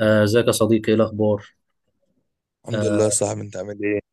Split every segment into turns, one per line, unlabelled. ازيك يا صديقي، ايه الاخبار؟
الحمد لله يا
آه،
صاحبي، انت عامل ايه؟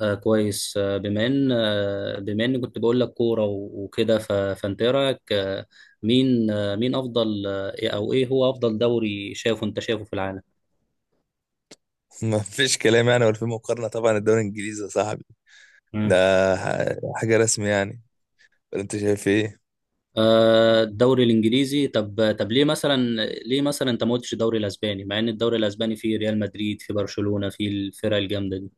آه، كويس. آه بما ان آه بما اني كنت بقول لك كوره وكده، فانت ايه رايك؟ مين آه مين افضل آه إيه- او ايه هو افضل دوري انت شايفه في العالم؟
ما فيش كلام يعني ولا في مقارنة. طبعا الدوري الانجليزي يا صاحبي ده
مم.
حاجة رسمي يعني. ولا انت شايف ايه؟
الدوري الانجليزي. طب ليه مثلا؟ ليه مثلا انت ما قلتش الدوري الاسباني، مع ان الدوري الاسباني فيه ريال مدريد، فيه برشلونة، فيه الفرق الجامده دي؟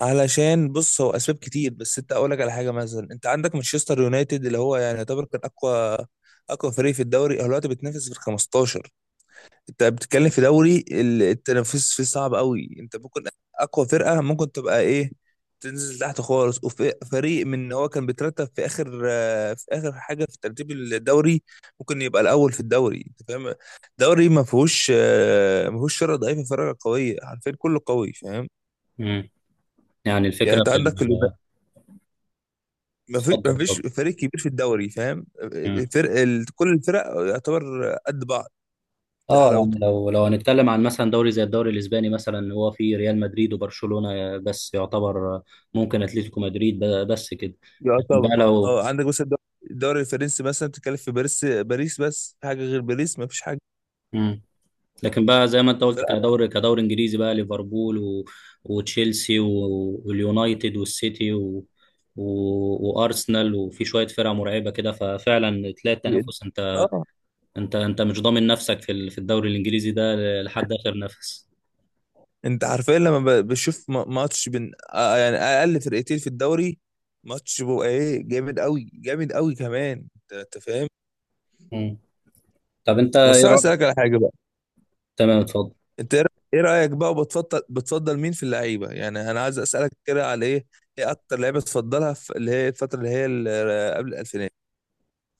علشان بص، هو اسباب كتير، بس انت اقول لك على حاجة. مثلا انت عندك مانشستر يونايتد، اللي هو يعني يعتبر كان اقوى فريق في الدوري، هو دلوقتي بتنافس في ال 15. انت بتتكلم في دوري التنافس فيه صعب قوي. انت ممكن اقوى فرقه ممكن تبقى ايه، تنزل تحت خالص، وفريق من ان هو كان بيترتب في اخر في اخر حاجه في ترتيب الدوري ممكن يبقى الاول في الدوري. انت فاهم؟ دوري ما فيهوش فرقه ضعيفه فرقه قويه، عارفين كله قوي، فاهم؟
مم. يعني
يعني
الفكره
انت
في
عندك ما فيش
اتفضل،
ما فيش
اتفضل.
فريق كبير في الدوري، فاهم؟ كل الفرق يعتبر قد بعض، ده
اه،
حلاوته.
يعني لو هنتكلم عن مثلا دوري زي الدوري الاسباني مثلا، هو في ريال مدريد وبرشلونة بس، يعتبر ممكن اتلتيكو مدريد بس كده. لكن بقى
يعتبر
لو...
اه. عندك مثلا الدوري، الدوري الفرنسي مثلا بتتكلم في باريس، باريس بس، في حاجه غير باريس؟ ما فيش حاجه.
مم. لكن بقى زي ما انت قلت،
فلا.
كدوري، انجليزي بقى، ليفربول و وتشيلسي و واليونايتد والسيتي و و وارسنال، وفي شوية فرق مرعبة كده. ففعلا تلاقي التنافس. انت
اه،
مش ضامن نفسك في في الدوري الانجليزي ده لحد اخر نفس.
انت حرفيا لما بشوف ماتش بين يعني اقل فرقتين في الدوري، ماتش بيبقى ايه، جامد قوي، جامد قوي كمان، انت فاهم؟
مم. طب انت ايه
بس انا
رأيك؟
اسالك على حاجه بقى.
تمام، اتفضل.
انت ايه رأ- إيه رايك بقى، وبتفضل، بتفضل مين في اللعيبه؟ يعني انا عايز اسالك كده على ايه، ايه اكتر لعيبه تفضلها في اللي هي الفتره اللي هي قبل الالفينات،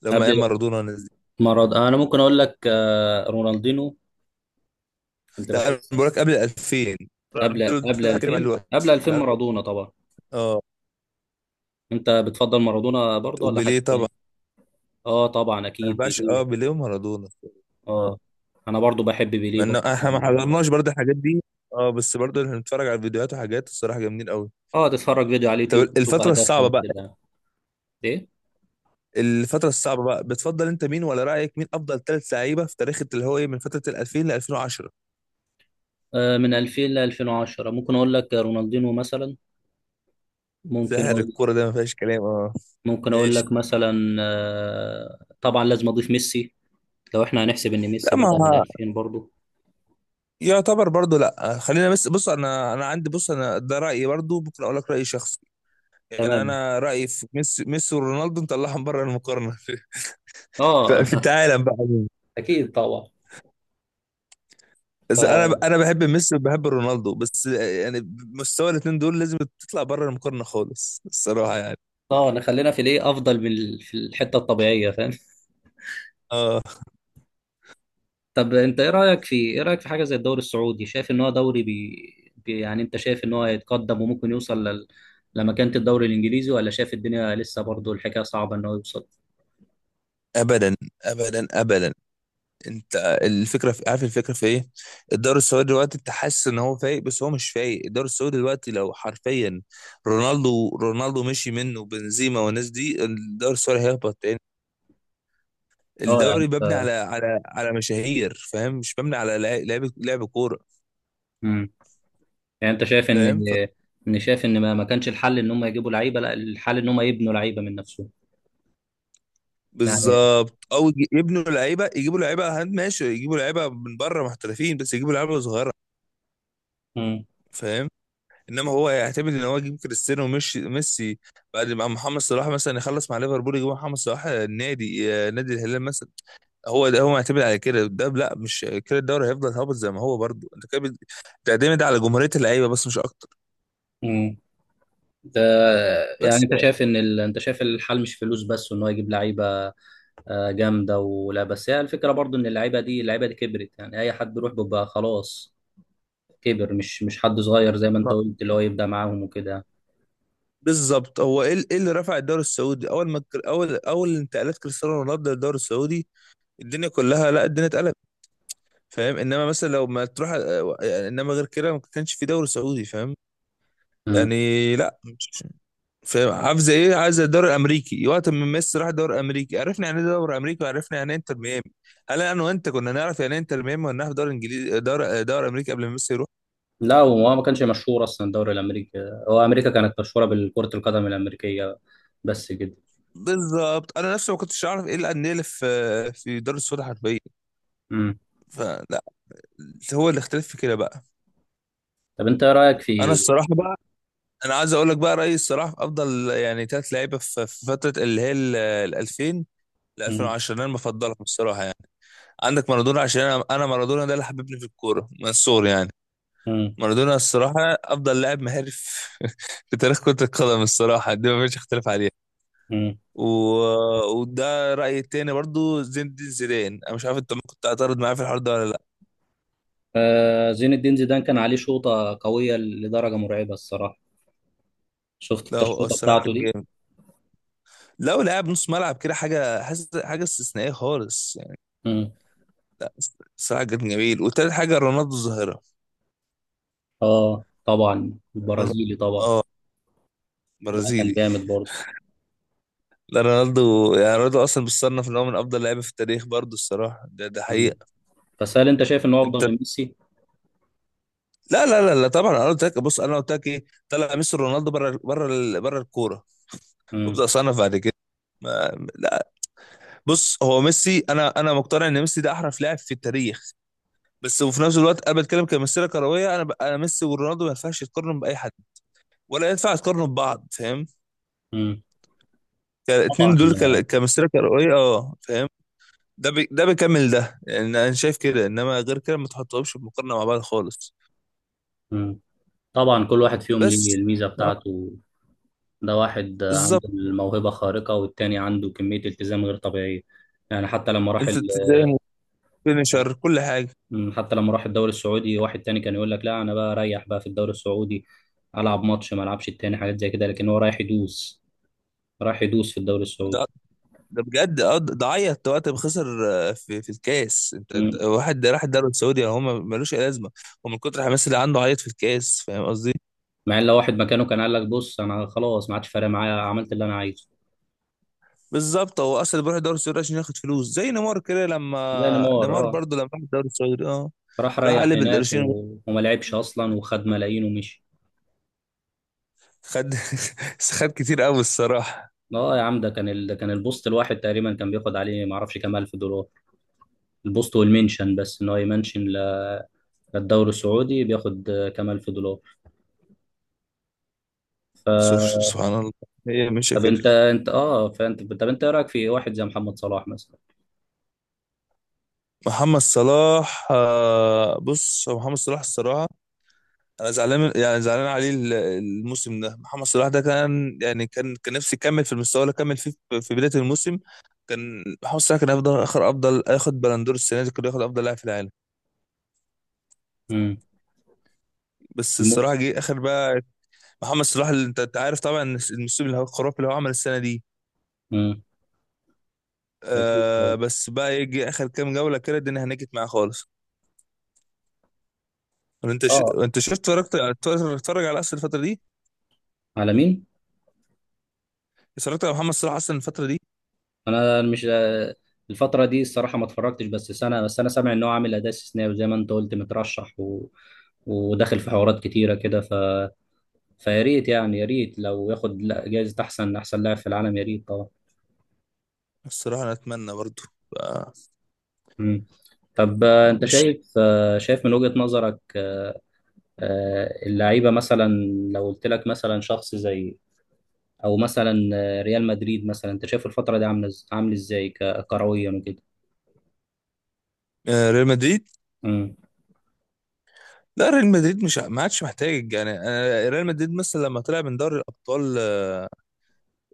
لما ايام مارادونا.
مرض. انا ممكن اقول لك رونالدينو. كنت
لا انا
بحس.
بقول لك قبل 2000.
قبل
رونالدو
قبل
ده هتكلم عليه
2000،
دلوقتي.
قبل 2000
انا أبدأ-
مارادونا طبعا.
اه،
انت بتفضل مارادونا برضه ولا حد
وبيليه طبعا.
تاني؟ اه، طبعا
ما
اكيد
ينفعش، اه،
بيليه.
بيليه ومارادونا.
اه،
اه،
انا برضه بحب بيليه
مع ان
برضه.
احنا ما حضرناش برضه الحاجات دي، اه، بس برضه احنا بنتفرج على الفيديوهات وحاجات، الصراحه جامدين قوي.
اه، تتفرج فيديو على
طب
اليوتيوب تشوف
الفتره الصعبه
اهدافهم
بقى،
كده. ايه؟
الفتره الصعبه بقى بتفضل انت مين؟ ولا رايك مين افضل ثلاث لعيبه في تاريخ اللي هو ايه من فتره ال 2000 ل 2010؟
من 2000 ل 2010 ممكن اقول لك رونالدينو مثلا. ممكن
ساحر
اقول.
الكوره ده ما فيهاش كلام، اه.
ممكن اقول لك
ماشي.
مثلا طبعا لازم اضيف ميسي. لو احنا هنحسب ان ميسي
لا
بدأ من
ما
2000 برضه.
يعتبر برضه. لا خلينا، بس بص انا انا عندي، بص انا ده رايي برضه، ممكن اقول لك راي شخصي. يعني
تمام.
انا رايي في ميسي، ميسي ورونالدو نطلعهم بره المقارنه في في
اه،
في العالم بقى عموماً.
اكيد طبعا.
بس انا
ف
انا بحب ميسي وبحب رونالدو، بس يعني مستوى الاثنين دول لازم تطلع بره المقارنه خالص، الصراحه، يعني.
اه، نخلينا في الايه افضل من في الحته الطبيعيه، فاهم.
اه.
طب انت ايه رايك في حاجه زي الدوري السعودي؟ شايف ان هو دوري يعني انت شايف ان هو هيتقدم وممكن يوصل لمكانه الدوري الانجليزي، ولا شايف الدنيا لسه برضه الحكايه صعبه ان هو يوصل؟
ابدا، ابدا، ابدا. انت الفكره في، عارف الفكره في ايه؟ الدوري السعودي دلوقتي انت حاسس ان هو فايق، بس هو مش فايق. الدوري السعودي دلوقتي لو حرفيا رونالدو مشي منه، بنزيما والناس دي، الدوري السعودي هيهبط تاني.
اه، يعني
الدوري مبني
انت...
على على مشاهير، فاهم؟ مش مبني على لعب، لعب كوره،
مم. يعني انت شايف ان
فاهم؟ ف...
ان شايف ان ما كانش الحل ان هم يجيبوا لعيبه، لا الحل ان هم يبنوا لعيبه من نفسهم. يعني...
بالظبط، او يبنوا لعيبه، يجيبوا لعيبه هاند، ماشي يجيبوا لعيبه من بره محترفين، بس يجيبوا لعيبه صغيره،
مم.
فاهم؟ انما هو يعتمد ان هو يجيب كريستيانو وميسي. بعد ما محمد صلاح مثلا يخلص مع ليفربول، يجيب محمد صلاح النادي، نادي الهلال مثلا. هو ده، هو معتمد على كده. ده لا، مش كده الدوري هيفضل هابط زي ما هو، برضه انت كده بتعتمد على جمهوريه اللعيبه بس، مش اكتر.
مم. ده... يعني
بس.
انت شايف انت شايف الحل مش فلوس بس، وان هو يجيب لعيبه جامده، ولا بس هي الفكره برضو ان اللعيبه دي كبرت، يعني اي حد يروح بيبقى خلاص كبر، مش حد صغير زي ما انت قلت اللي هو يبدا معاهم وكده.
بالظبط، هو ايه، إيه اللي رفع الدوري السعودي اول ما اول انتقالات كريستيانو رونالدو للدوري السعودي؟ الدنيا كلها، لا الدنيا اتقلبت، فاهم؟ انما مثلا لو ما تروح، يعني انما غير كده ما كانش في دوري سعودي، فاهم؟
مم.
يعني لا مش، فاهم عاوزه ايه؟ عايزه الدوري الامريكي وقت ما ميسي راح الدوري الامريكي، عرفنا يعني ايه دوري امريكي، وعرفنا يعني ايه انتر ميامي. هل انا وانت كنا نعرف يعني ايه انتر ميامي؟ ولا نعرف دوري انجليزي، دوري امريكي قبل ما ميسي يروح؟
لا، هو ما كانش مشهور اصلا الدوري الامريكي. هو امريكا كانت مشهوره بالكره القدم الامريكيه بس كده.
بالظبط، انا نفسي ما كنتش اعرف ايه الانديه اللي في في الدوري السعودي حرفيا.
مم.
فلا، هو الاختلاف في كده بقى.
طب انت ايه رايك
انا
في...
الصراحه بقى، انا عايز اقول لك بقى رايي الصراحه في افضل يعني ثلاث لعيبه في في فتره اللي هي ال 2000 ل
مم.
2010، انا بفضلهم الصراحه يعني. عندك مارادونا، عشان انا انا مارادونا ده اللي حببني في الكوره من الصغر يعني.
مم.
مارادونا الصراحه افضل لاعب مهاري في في تاريخ كره القدم، الصراحه دي ما فيش اختلاف عليها.
مم.
و... وده رايي التاني برضو، زين الدين زيدان، انا مش عارف انت ممكن تعترض معايا في الحوار ده ولا لا.
زين الدين زيدان كان عليه شوطه قويه لدرجه مرعبه الصراحه. شفت
لا
انت
هو
الشوطه
الصراحه
بتاعته
كان
دي؟
جامد، لو لاعب نص ملعب كده حاجه، حاجه استثنائيه خالص.
مم.
لا الصراحة كان جميل. وتالت حاجة رونالدو الظاهرة.
اه، طبعا
رونالدو،
البرازيلي طبعا.
اه،
ده كان
برازيلي.
جامد.
لا رونالدو يعني، رونالدو اصلا بيصنف ان هو من افضل لعيبه في التاريخ برضه، الصراحه ده ده
برضه.
حقيقه.
بس هل انت شايف انه
انت،
افضل من ميسي؟
لا لا لا لا طبعا، انا قلت لك بص، انا قلت لك ايه، طلع ميسي رونالدو بره، بره بره الكوره،
امم
وابدا اصنف بعد كده. ما لا، بص هو ميسي، انا انا مقتنع ان ميسي ده احرف لاعب في التاريخ، بس وفي نفس الوقت انا بتكلم كمسيره كرويه. انا ميسي ورونالدو ما ينفعش يتقارنوا باي حد ولا ينفع يتقارنوا ببعض، فاهم؟
امم.
كان الاتنين دول
طبعا.
كمسيرة كروية، اه، فاهم؟ ده بيكمل ده، يعني انا شايف كده، انما غير كده ما تحطهمش بمقارنة مع بعض خالص.
امم. طبعا كل واحد فيهم ليه
بس،
الميزه
آه،
بتاعته. ده واحد عنده
بالظبط.
الموهبه خارقه والتاني عنده كميه التزام غير طبيعيه. يعني حتى لما راح
انت تزايم وفينيشر، كل حاجة.
حتى لما راح الدوري السعودي واحد تاني كان يقول لك لا، انا بقى اريح بقى في الدوري السعودي، العب ماتش ما العبش التاني، حاجات زي كده، لكن هو رايح يدوس، رايح يدوس في الدوري
ده
السعودي.
ده بجد، اه، ده عيط وقت ما خسر في في الكاس.
مم.
واحد ده راح الدوري السعودي، هو ملوش اي لازمه، ومن كتر الحماس اللي عنده عيط في الكاس، فاهم قصدي؟
مع ان لو واحد مكانه كان قال لك بص انا خلاص، ما عادش فارق معايا، عملت اللي انا عايزه.
بالظبط، هو اصلا بيروح الدوري السعودي عشان ياخد فلوس، زي نيمار كده
زي
لما
نيمار،
نيمار
اه.
برضه لما راح الدوري السعودي، اه،
راح
راح
ريح
قلب
هناك
القرشين.
و وما لعبش اصلا وخد ملايين ومشي.
خد، خد كتير قوي الصراحة.
اه، يا عم، ده كان البوست الواحد تقريبا كان بياخد عليه ما اعرفش كام الف دولار. البوست والمنشن، بس ان هو يمنشن للدوري السعودي، بياخد كام الف دولار. ف
شوف سبحان الله، هي ماشية
طب
كده.
انت انت اه فانت طب انت ايه رايك في واحد زي محمد صلاح مثلا؟
محمد صلاح، بص هو محمد صلاح الصراحة، أنا يعني زعلان عليه الموسم ده. محمد صلاح ده كان يعني، كان نفسي يكمل في المستوى اللي كمل فيه في في بداية الموسم. كان محمد صلاح كان أفضل، آخر أفضل، ياخد بلندور السنة دي، كان ياخد أفضل لاعب في العالم.
امم.
بس الصراحة
الموس
جه آخر بقى محمد صلاح اللي أنت عارف طبعا الموسم الخرافي اللي هو عمل السنة دي.
امم. اكيد
آه
طبعا.
بس بقى يجي آخر كام جولة كده، الدنيا هنجت معاه خالص.
اه.
انت شفت، اتفرجت؟ اتفرج على اصل الفتره دي.
على مين؟
اتفرجت على محمد صلاح اصلا الفتره دي؟
انا مش الفتره دي الصراحه ما اتفرجتش بس سنه، بس انا سامع ان هو عامل اداء استثنائي، وزي ما انت قلت مترشح و وداخل في حوارات كتيره كده. ف فيا ريت يعني، يا ريت لو ياخد جايزه احسن لاعب في العالم، يا ريت طبعا.
الصراحه انا اتمنى برضو، آه،
مم. طب انت
مش،
شايف من وجهه نظرك اللعيبه مثلا. لو قلت لك مثلا شخص زي، او مثلا ريال مدريد مثلا، انت شايف الفتره دي عامله عامل ازاي كرويا وكده.
ريال مدريد.
مم.
لا ريال مدريد مش، ما عادش محتاج يعني، ريال مدريد مثلا لما طلع من دوري الابطال،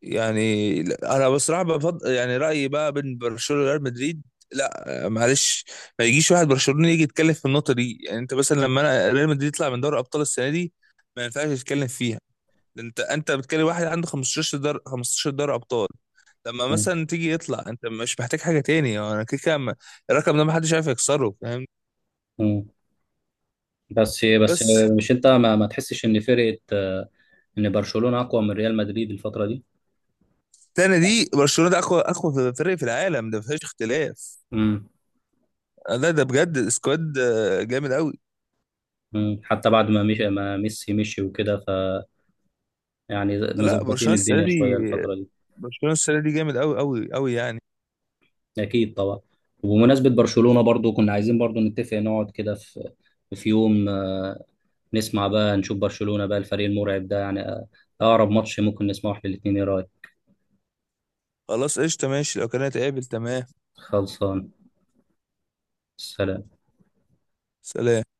يعني لا، انا بصراحه بفضل يعني رايي بقى بين برشلونه وريال مدريد. لا، معلش، ما يجيش واحد برشلوني يجي يتكلم في النقطه دي. يعني انت مثلا لما انا ريال مدريد يطلع من دوري الابطال السنه دي ما ينفعش يتكلم فيها. انت بتكلم واحد عنده 15 دار، 15 دار ابطال. لما مثلا تيجي يطلع، انت مش محتاج حاجه تاني. هو انا كده الرقم ده محدش عارف يكسره، فاهم؟
مم. بس،
بس
مش انت ما تحسش ان فرقه ان برشلونه اقوى من ريال مدريد الفتره دي؟
التاني دي برشلونه ده اقوى فريق في العالم، ده مفيش اختلاف.
امم.
لا ده بجد السكواد، جامد قوي.
امم، حتى بعد ما مش ما ميسي مشي وكده، فيعني
لا
مظبطين
برشلونه السنه
الدنيا
دي،
شويه الفتره دي.
برشلونه السنه دي جامد قوي يعني.
اكيد طبعا. وبمناسبه برشلونه برضو، كنا عايزين برضو نتفق نقعد كده في، في يوم نسمع بقى، نشوف برشلونه بقى الفريق المرعب ده يعني اقرب ماتش ممكن نسمعه احنا الاثنين، ايه رايك؟
خلاص قشطه، ماشي لو كانت قابل، تمام.
خلصان. سلام.
سلام.